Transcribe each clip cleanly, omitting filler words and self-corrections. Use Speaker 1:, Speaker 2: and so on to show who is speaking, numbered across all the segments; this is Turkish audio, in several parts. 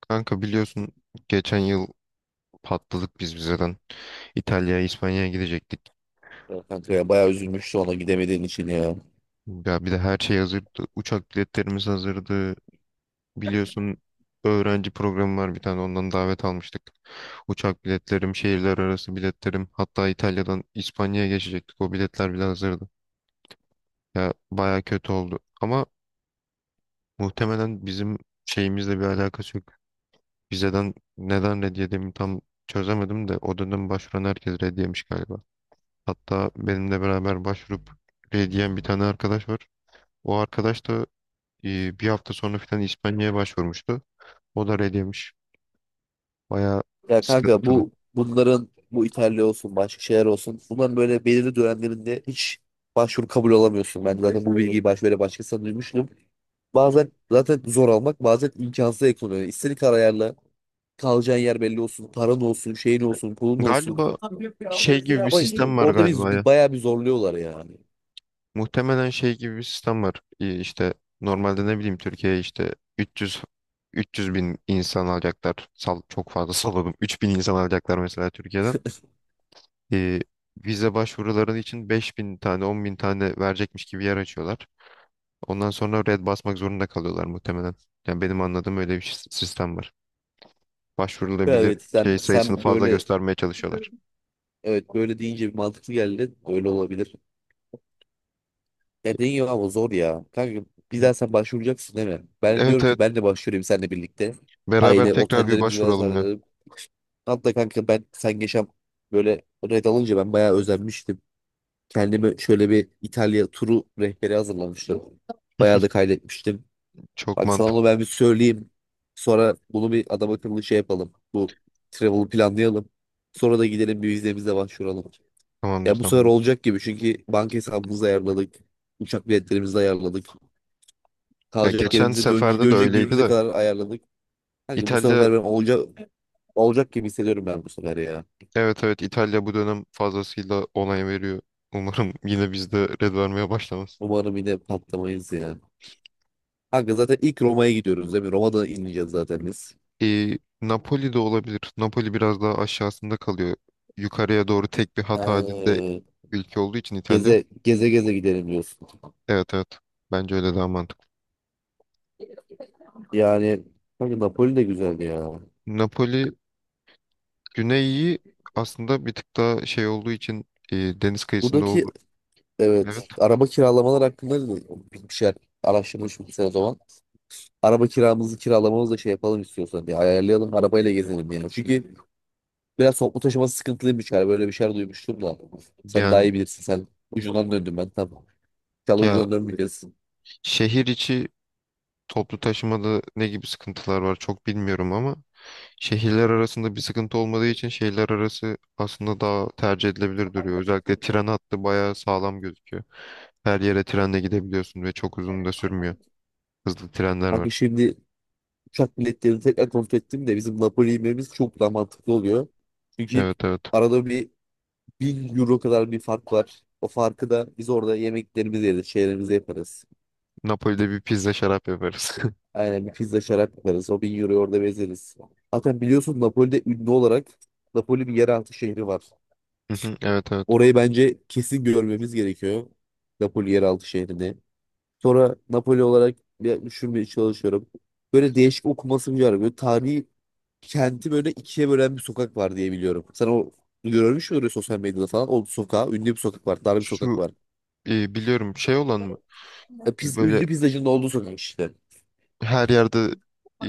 Speaker 1: Kanka biliyorsun geçen yıl patladık biz vizeden. İtalya'ya, İspanya'ya gidecektik.
Speaker 2: Ya kanka ya bayağı üzülmüştü ona gidemediğin için ya.
Speaker 1: Ya bir de her şey hazırdı. Uçak biletlerimiz hazırdı. Biliyorsun, öğrenci programı var, bir tane ondan davet almıştık. Uçak biletlerim, şehirler arası biletlerim. Hatta İtalya'dan İspanya'ya geçecektik. O biletler bile hazırdı. Ya baya kötü oldu. Ama muhtemelen bizim şeyimizle bir alakası yok. Vizeden neden red yediğimi tam çözemedim de o dönem başvuran herkes red yemiş galiba. Hatta benimle beraber başvurup R diyen bir tane arkadaş var. O arkadaş da bir hafta sonra falan İspanya'ya başvurmuştu. O da R demiş. Bayağı
Speaker 2: Ya kanka
Speaker 1: sıkıntılı.
Speaker 2: bu bunların bu İtalya olsun başka şeyler olsun bunların böyle belirli dönemlerinde hiç başvuru kabul alamıyorsun. Ben zaten bu bilgiyi böyle başkasından duymuştum. Bazen zaten zor almak bazen imkansız ekonomi. İstediğin kadar ayarla. Kalacağın yer belli olsun. Paran olsun, şeyin olsun, pulun olsun.
Speaker 1: Galiba
Speaker 2: Ama
Speaker 1: şey gibi bir sistem var
Speaker 2: orada biz
Speaker 1: galiba ya.
Speaker 2: bayağı bir zorluyorlar yani.
Speaker 1: Muhtemelen şey gibi bir sistem var. İşte normalde ne bileyim, Türkiye'ye işte 300 bin insan alacaklar. Çok fazla salladım. 3.000 insan alacaklar mesela Türkiye'den. e, Vize başvuruları için 5.000 tane, 10.000 tane verecekmiş gibi yer açıyorlar. Ondan sonra red basmak zorunda kalıyorlar muhtemelen. Yani benim anladığım öyle bir sistem var. Başvurulabilir
Speaker 2: Evet, sen
Speaker 1: şey sayısını
Speaker 2: sen
Speaker 1: fazla
Speaker 2: böyle,
Speaker 1: göstermeye çalışıyorlar.
Speaker 2: evet, böyle deyince bir mantıklı geldi. Öyle olabilir. Dediğin ya, ama zor ya. Kanka bir
Speaker 1: Hı.
Speaker 2: daha sen başvuracaksın değil mi? Ben de
Speaker 1: Evet
Speaker 2: diyorum
Speaker 1: evet,
Speaker 2: ki ben de başvurayım seninle birlikte.
Speaker 1: beraber
Speaker 2: Aynı
Speaker 1: tekrar bir
Speaker 2: otellerimizi ben
Speaker 1: başvuralım ya.
Speaker 2: ayarlayalım. Hatta kanka ben sen geçen böyle red alınca ben bayağı özenmiştim. Kendime şöyle bir İtalya turu rehberi hazırlamıştım. Bayağı da kaydetmiştim.
Speaker 1: Çok
Speaker 2: Bak, sana onu
Speaker 1: mantıklı.
Speaker 2: ben bir söyleyeyim. Sonra bunu bir adam akıllı şey yapalım. Bu travel'ı planlayalım. Sonra da gidelim bir vizemize başvuralım.
Speaker 1: Tamamdır,
Speaker 2: Ya bu sefer
Speaker 1: tamam.
Speaker 2: olacak gibi, çünkü banka hesabımızı ayarladık. Uçak biletlerimizi ayarladık.
Speaker 1: Ya
Speaker 2: Kalacak
Speaker 1: geçen
Speaker 2: yerimizi, dönecek,
Speaker 1: seferde de
Speaker 2: dönecek
Speaker 1: öyleydi
Speaker 2: günümüze
Speaker 1: de.
Speaker 2: kadar ayarladık. Kanka bu
Speaker 1: İtalya.
Speaker 2: sefer ben olacak olacak gibi hissediyorum ben bu sefer ya.
Speaker 1: Evet evet, İtalya bu dönem fazlasıyla onay veriyor. Umarım yine bizde red vermeye başlamaz.
Speaker 2: Umarım yine patlamayız ya. Kanka zaten ilk Roma'ya gidiyoruz değil mi? Roma'da ineceğiz zaten biz.
Speaker 1: Napoli de olabilir. Napoli biraz daha aşağısında kalıyor. Yukarıya doğru tek bir hat halinde
Speaker 2: Ee,
Speaker 1: ülke olduğu için İtalya.
Speaker 2: Geze geze geze gidelim diyorsun.
Speaker 1: Evet evet. Bence öyle daha mantıklı.
Speaker 2: Yani kanka Napoli de güzel ya.
Speaker 1: Napoli güneyi aslında bir tık daha şey olduğu için, deniz kıyısında
Speaker 2: Buradaki,
Speaker 1: olduğu. Evet.
Speaker 2: evet, araba kiralamalar hakkında da bir şeyler araştırmış mısın o zaman? Araba kiramızı kiralamamızı da şey yapalım, istiyorsan bir ayarlayalım, arabayla gezelim yani. Çünkü biraz toplu taşıması sıkıntılıymış galiba. Böyle bir şeyler duymuştum da. Sen daha
Speaker 1: Yani
Speaker 2: iyi bilirsin. Sen ucundan döndüm ben. Tamam. İnşallah
Speaker 1: ya,
Speaker 2: ucundan dönmeyeceksin.
Speaker 1: şehir içi toplu taşımada ne gibi sıkıntılar var çok bilmiyorum ama şehirler arasında bir sıkıntı olmadığı için şehirler arası aslında daha tercih edilebilir duruyor. Özellikle tren hattı bayağı sağlam gözüküyor. Her yere trenle gidebiliyorsun ve çok uzun da sürmüyor. Hızlı trenler
Speaker 2: Kanka
Speaker 1: var.
Speaker 2: şimdi uçak biletlerini tekrar kontrol ettim de bizim Napoli inmemiz çok daha mantıklı oluyor. Çünkü
Speaker 1: Evet evet.
Speaker 2: arada bir 1.000 euro kadar bir fark var. O farkı da biz orada yemeklerimizi yeriz, şeylerimizi yaparız.
Speaker 1: Napoli'de bir pizza şarap yaparız.
Speaker 2: Aynen, bir pizza şarap yaparız. O 1.000 euroyu orada bezeriz. Zaten biliyorsun Napoli'de ünlü olarak Napoli bir yeraltı şehri var.
Speaker 1: Hı hı, evet evet.
Speaker 2: Orayı bence kesin görmemiz gerekiyor. Napoli yeraltı şehrini. Sonra Napoli olarak bir düşünmeye çalışıyorum. Böyle değişik okumasını var. Böyle tarihi kenti böyle ikiye bölen bir sokak var diye biliyorum. Sen o görmüş müydün sosyal medyada falan? O sokağa ünlü bir sokak var. Dar bir sokak
Speaker 1: Şu
Speaker 2: var.
Speaker 1: biliyorum, şey olan mı? Böyle
Speaker 2: Ünlü pizzacının olduğu sokak işte.
Speaker 1: her yerde e,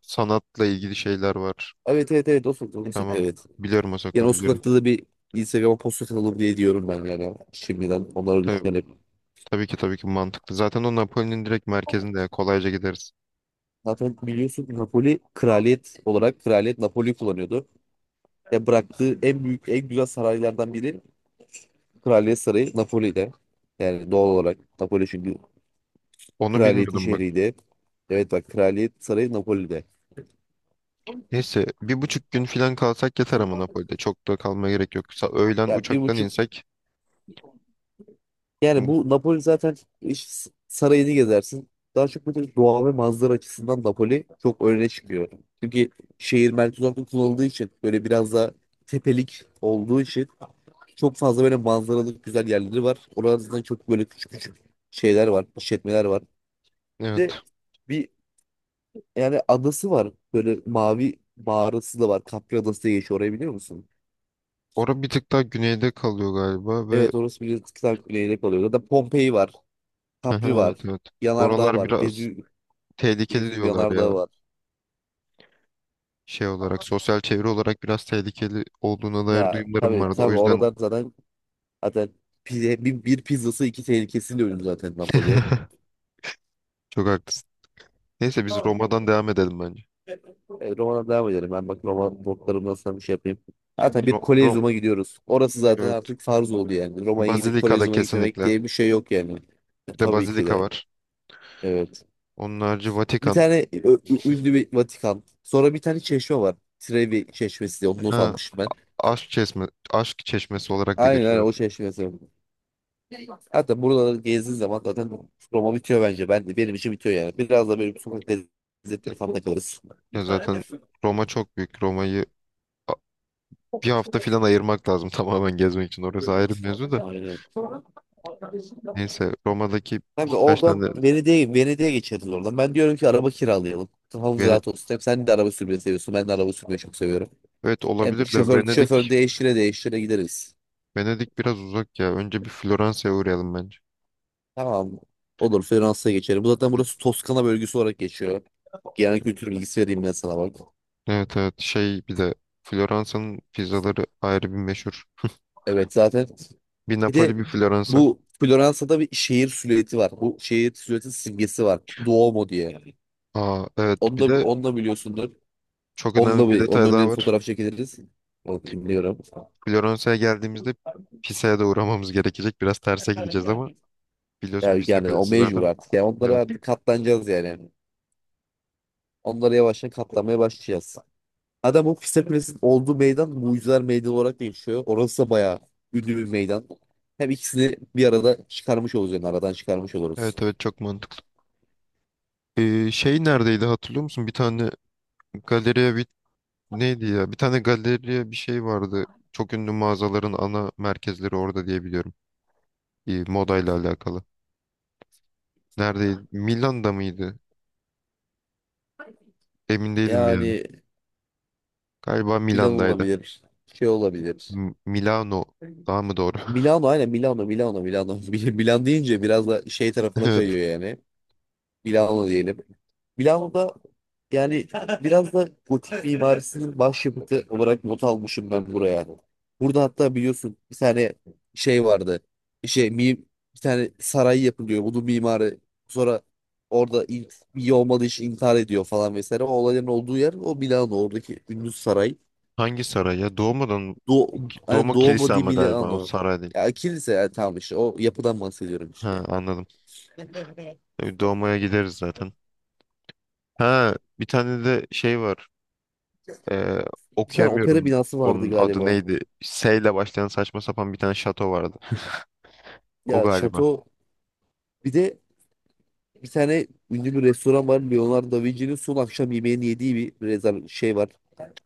Speaker 1: sanatla ilgili şeyler var.
Speaker 2: Evet, evet, evet, o sokak. O sokak,
Speaker 1: Tamam.
Speaker 2: evet.
Speaker 1: Biliyorum, o
Speaker 2: Yani
Speaker 1: sokağı
Speaker 2: o
Speaker 1: biliyorum.
Speaker 2: sokakta da bir Instagram'a post atalım diye diyorum ben yani. Şimdiden onları
Speaker 1: Tabii,
Speaker 2: düşünerek.
Speaker 1: tabii ki tabii ki mantıklı. Zaten o Napoli'nin direkt merkezinde ya, kolayca gideriz.
Speaker 2: Zaten biliyorsun Napoli kraliyet olarak kraliyet Napoli kullanıyordu. Ya bıraktığı en büyük en güzel saraylardan biri Kraliyet Sarayı Napoli'de. Yani doğal olarak Napoli, çünkü
Speaker 1: Onu
Speaker 2: kraliyetin
Speaker 1: bilmiyordum bak.
Speaker 2: şehriydi. Evet bak, Kraliyet Sarayı Napoli'de.
Speaker 1: Neyse, 1,5 gün falan kalsak yeter ama Napoli'de. Çok da kalmaya gerek yok. Öğlen
Speaker 2: Yani bir
Speaker 1: uçaktan
Speaker 2: buçuk,
Speaker 1: insek.
Speaker 2: yani
Speaker 1: Mu-
Speaker 2: bu Napoli zaten iş sarayını gezersin. Daha çok böyle doğa ve manzara açısından Napoli çok öne çıkıyor. Çünkü şehir merkez olarak kullanıldığı için, böyle biraz da tepelik olduğu için, çok fazla böyle manzaralı güzel yerleri var. Oralarda çok böyle küçük küçük şeyler var, işletmeler var. Bir de
Speaker 1: Evet.
Speaker 2: yani adası var. Böyle mavi mağarası da var. Capri Adası diye geçiyor. Orayı biliyor musun?
Speaker 1: Ora bir tık daha güneyde kalıyor galiba ve
Speaker 2: Evet, orası bir kıta güneyde kalıyor. Zaten Pompei var. Capri
Speaker 1: aha,
Speaker 2: var.
Speaker 1: evet evet.
Speaker 2: Yanardağ
Speaker 1: Oralar
Speaker 2: var.
Speaker 1: biraz
Speaker 2: Vezüv,
Speaker 1: tehlikeli
Speaker 2: Vezüv
Speaker 1: diyorlar
Speaker 2: Yanardağ
Speaker 1: ya.
Speaker 2: var.
Speaker 1: Şey olarak, sosyal çevre olarak biraz tehlikeli olduğuna dair
Speaker 2: Ya
Speaker 1: duyumlarım
Speaker 2: tabii
Speaker 1: vardı. O
Speaker 2: tabii oradan
Speaker 1: yüzden
Speaker 2: zaten zaten bir pizzası iki tehlikesiyle ölüm zaten Napoli'ye.
Speaker 1: çok haklısın. Neyse, biz Roma'dan devam edelim bence.
Speaker 2: Roma'dan devam edelim. Ben bak Roma notlarımdan sana bir şey yapayım. Zaten
Speaker 1: Ro
Speaker 2: bir
Speaker 1: Ro-
Speaker 2: Kolezyum'a gidiyoruz. Orası zaten
Speaker 1: evet.
Speaker 2: artık farz oldu yani. Roma'ya gidip
Speaker 1: Bazilika'da
Speaker 2: Kolezyum'a gitmemek
Speaker 1: kesinlikle.
Speaker 2: diye bir şey yok yani.
Speaker 1: Bir de
Speaker 2: Tabii ki
Speaker 1: Bazilika
Speaker 2: de.
Speaker 1: var.
Speaker 2: Evet.
Speaker 1: Onun harici
Speaker 2: Bir
Speaker 1: Vatikan.
Speaker 2: tane ünlü bir Vatikan. Sonra bir tane çeşme var. Trevi çeşmesi diye onu not
Speaker 1: Ha,
Speaker 2: almıştım ben.
Speaker 1: aşk çeşme, aşk çeşmesi olarak da
Speaker 2: Aynen aynen
Speaker 1: geçiyor.
Speaker 2: o çeşmesi. Hatta buraları gezdiğin zaman zaten Roma bitiyor bence. Ben de, benim için bitiyor yani. Biraz da böyle bir sokak lezzetleri falan da kalırız.
Speaker 1: Ya zaten Roma çok büyük. Roma'yı a- bir hafta falan ayırmak lazım tamamen gezmek için. Orası ayrı bir mevzu da.
Speaker 2: Aynen.
Speaker 1: Neyse, Roma'daki
Speaker 2: Kanka
Speaker 1: birkaç tane.
Speaker 2: oradan Venedik'e geçeriz oradan. Ben diyorum ki araba kiralayalım. Kafamız
Speaker 1: Vene-
Speaker 2: rahat olsun. Hem sen de araba sürmeyi seviyorsun, ben de araba sürmeyi çok seviyorum.
Speaker 1: evet,
Speaker 2: Hem
Speaker 1: olabilir de
Speaker 2: şoför şoför
Speaker 1: Venedik.
Speaker 2: değiştire değiştire gideriz.
Speaker 1: Biraz uzak ya. Önce bir Floransa'ya uğrayalım bence.
Speaker 2: Tamam. Olur, Fransa'ya geçelim. Bu zaten burası Toskana bölgesi olarak geçiyor. Genel kültür bilgisi vereyim ben sana bak.
Speaker 1: Evet evet şey, bir de Floransa'nın pizzaları ayrı bir meşhur.
Speaker 2: Evet zaten.
Speaker 1: Bir
Speaker 2: Bir
Speaker 1: Napoli,
Speaker 2: de
Speaker 1: bir Floransa.
Speaker 2: bu Floransa'da bir şehir silüeti var. Bu şehir silüeti simgesi var. Duomo diye.
Speaker 1: Aa evet,
Speaker 2: Onu
Speaker 1: bir
Speaker 2: da,
Speaker 1: de
Speaker 2: onu da biliyorsundur.
Speaker 1: çok
Speaker 2: Onunla
Speaker 1: önemli bir
Speaker 2: onun
Speaker 1: detay
Speaker 2: önüne
Speaker 1: daha
Speaker 2: bir
Speaker 1: var.
Speaker 2: fotoğraf çekiliriz. Onu biliyorum.
Speaker 1: Floransa'ya geldiğimizde Pisa'ya da uğramamız gerekecek. Biraz terse gideceğiz ama biliyorsun,
Speaker 2: Yani,
Speaker 1: Pisa
Speaker 2: yani o
Speaker 1: Kulesi
Speaker 2: mecbur
Speaker 1: zaten.
Speaker 2: artık. Yani onlara
Speaker 1: Evet.
Speaker 2: artık katlanacağız yani. Onlara yavaştan katlanmaya başlayacağız. Adam, o Pisa Kulesi'nin olduğu meydan Mucizeler Meydanı olarak değişiyor. Orası da bayağı ünlü bir meydan. Hem ikisini bir arada çıkarmış olacağız yani, aradan çıkarmış oluruz.
Speaker 1: Evet evet, çok mantıklı. Şey, neredeydi hatırlıyor musun? Bir tane galeriye bir, neydi ya? Bir tane galeriye bir şey vardı. Çok ünlü mağazaların ana merkezleri orada diye biliyorum. Modayla alakalı. Neredeydi? Milan'da mıydı? Emin değilim ya.
Speaker 2: Yani
Speaker 1: Galiba
Speaker 2: Milan
Speaker 1: Milan'daydı.
Speaker 2: olabilir. Şey olabilir.
Speaker 1: Milano daha mı doğru?
Speaker 2: Milano, aynen, Milano Milano Milano. Milan deyince biraz da şey tarafına
Speaker 1: Evet.
Speaker 2: kayıyor yani. Milano diyelim. Milano'da, yani, biraz da gotik mimarisinin başyapıtı olarak not almışım ben buraya. Burada hatta biliyorsun bir tane şey vardı. Şey mi, bir tane saray yapılıyor. Bunun mimarı sonra orada ilk iyi olmadığı için intihar ediyor falan vesaire. O olayların olduğu yer o Milano oradaki ünlü saray.
Speaker 1: Hangi saray ya?
Speaker 2: Do Hani
Speaker 1: Doğma
Speaker 2: Duomo
Speaker 1: kilise
Speaker 2: di
Speaker 1: ama galiba o
Speaker 2: Milano.
Speaker 1: saray değil.
Speaker 2: Ya kilise ya, tamam işte o yapıdan bahsediyorum işte.
Speaker 1: Ha, anladım. Doğmaya gideriz zaten. Ha, bir tane de şey var. Ee,
Speaker 2: Bir tane opera
Speaker 1: Okuyamıyorum.
Speaker 2: binası vardı
Speaker 1: Onun adı
Speaker 2: galiba.
Speaker 1: neydi? S ile başlayan saçma sapan bir tane şato vardı. O
Speaker 2: Ya
Speaker 1: galiba.
Speaker 2: şato, bir de bir tane ünlü bir restoran var. Leonardo da Vinci'nin son akşam yemeğini yediği bir rezerv şey var.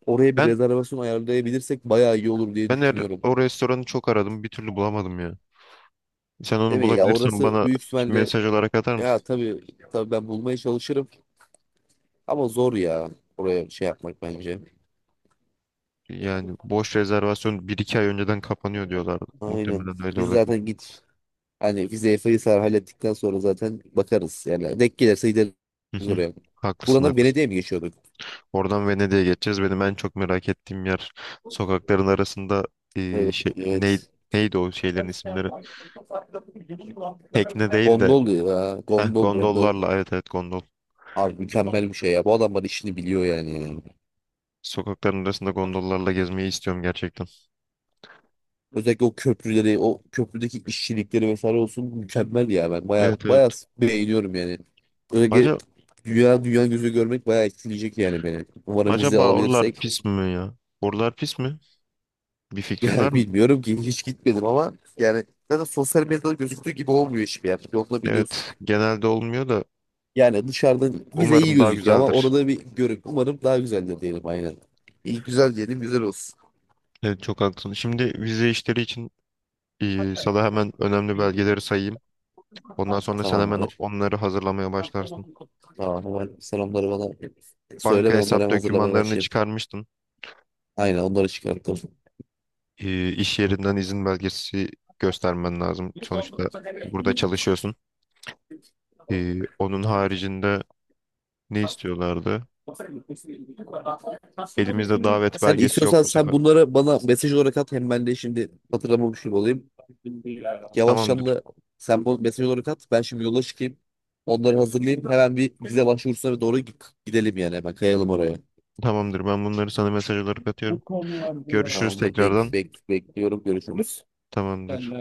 Speaker 2: Oraya bir
Speaker 1: Ben
Speaker 2: rezervasyon ayarlayabilirsek bayağı iyi olur diye düşünüyorum.
Speaker 1: O restoranı çok aradım. Bir türlü bulamadım ya. Sen
Speaker 2: Değil
Speaker 1: onu
Speaker 2: mi ya,
Speaker 1: bulabilirsen
Speaker 2: orası
Speaker 1: bana
Speaker 2: büyük ihtimalle.
Speaker 1: mesaj olarak atar
Speaker 2: Ya
Speaker 1: mısın?
Speaker 2: tabii, tabii ben bulmaya çalışırım ama zor ya oraya şey yapmak bence.
Speaker 1: Yani boş, rezervasyon bir iki ay önceden kapanıyor diyorlardı.
Speaker 2: Aynen.
Speaker 1: Muhtemelen öyle
Speaker 2: Biz
Speaker 1: olabilir.
Speaker 2: zaten git, hani vizeyi Faysal hallettikten sonra zaten bakarız. Yani denk gelirse gideriz
Speaker 1: Hı hı.
Speaker 2: oraya.
Speaker 1: Haklısın
Speaker 2: Buradan da
Speaker 1: haklısın.
Speaker 2: Venedik'e mi geçiyorduk?
Speaker 1: Oradan Venedik'e geçeceğiz. Benim en çok merak ettiğim yer, sokakların arasında ee,
Speaker 2: Evet,
Speaker 1: şey, ney-
Speaker 2: evet.
Speaker 1: neydi o şeylerin isimleri? Tekne değil de.
Speaker 2: Gondol ya.
Speaker 1: Heh,
Speaker 2: Gondol, gondol.
Speaker 1: gondollarla, evet evet, gondol.
Speaker 2: Abi mükemmel bir şey ya. Bu adamlar işini biliyor yani.
Speaker 1: Sokakların arasında gondollarla gezmeyi istiyorum gerçekten.
Speaker 2: Özellikle o köprüleri, o köprüdeki işçilikleri vesaire olsun mükemmel ya. Ben baya
Speaker 1: Evet evet.
Speaker 2: baya beğeniyorum yani. Özellikle
Speaker 1: Acaba,
Speaker 2: dünya gözü görmek bayağı etkileyecek yani beni. Umarım vize
Speaker 1: Acaba oralar
Speaker 2: alabilirsek.
Speaker 1: pis mi ya? Oralar pis mi? Bir fikrin var
Speaker 2: Yani
Speaker 1: mı?
Speaker 2: bilmiyorum ki, hiç gitmedim ama yani zaten sosyal medyada gözüktüğü gibi olmuyor hiçbir yer. Yolda biliyorsun.
Speaker 1: Evet, genelde olmuyor da
Speaker 2: Yani dışarıdan bize iyi
Speaker 1: umarım daha
Speaker 2: gözüküyor ama
Speaker 1: güzeldir.
Speaker 2: orada bir görün. Umarım daha güzeldir diyelim, aynen. İyi güzel diyelim, güzel olsun.
Speaker 1: Evet, çok haklısın. Şimdi vize işleri için sana hemen önemli belgeleri sayayım. Ondan sonra sen hemen
Speaker 2: Tamamdır.
Speaker 1: onları hazırlamaya başlarsın.
Speaker 2: Tamam, hemen selamları bana söyle,
Speaker 1: Banka
Speaker 2: ben onları
Speaker 1: hesap
Speaker 2: hem hazırlamaya
Speaker 1: dokümanlarını
Speaker 2: başlayayım.
Speaker 1: çıkarmıştın.
Speaker 2: Aynen, onları çıkarttım.
Speaker 1: İş yerinden izin belgesi göstermen lazım. Sonuçta burada çalışıyorsun. Onun haricinde ne istiyorlardı? Elimizde davet
Speaker 2: Sen
Speaker 1: belgesi yok
Speaker 2: istiyorsan
Speaker 1: bu
Speaker 2: sen
Speaker 1: sefer.
Speaker 2: bunları bana mesaj olarak at. Hem ben de şimdi hatırlamamış gibi olayım. Yavaştan
Speaker 1: Tamamdır.
Speaker 2: da sen bu mesaj olarak at. Ben şimdi yola çıkayım. Onları hazırlayayım. Hemen bir vize başvurusuna doğru gidelim yani. Hemen kayalım oraya.
Speaker 1: Tamamdır. Ben bunları sana mesaj olarak atıyorum. Görüşürüz
Speaker 2: Tamamdır.
Speaker 1: tekrardan.
Speaker 2: Bekliyorum. Görüşürüz.
Speaker 1: Tamamdır.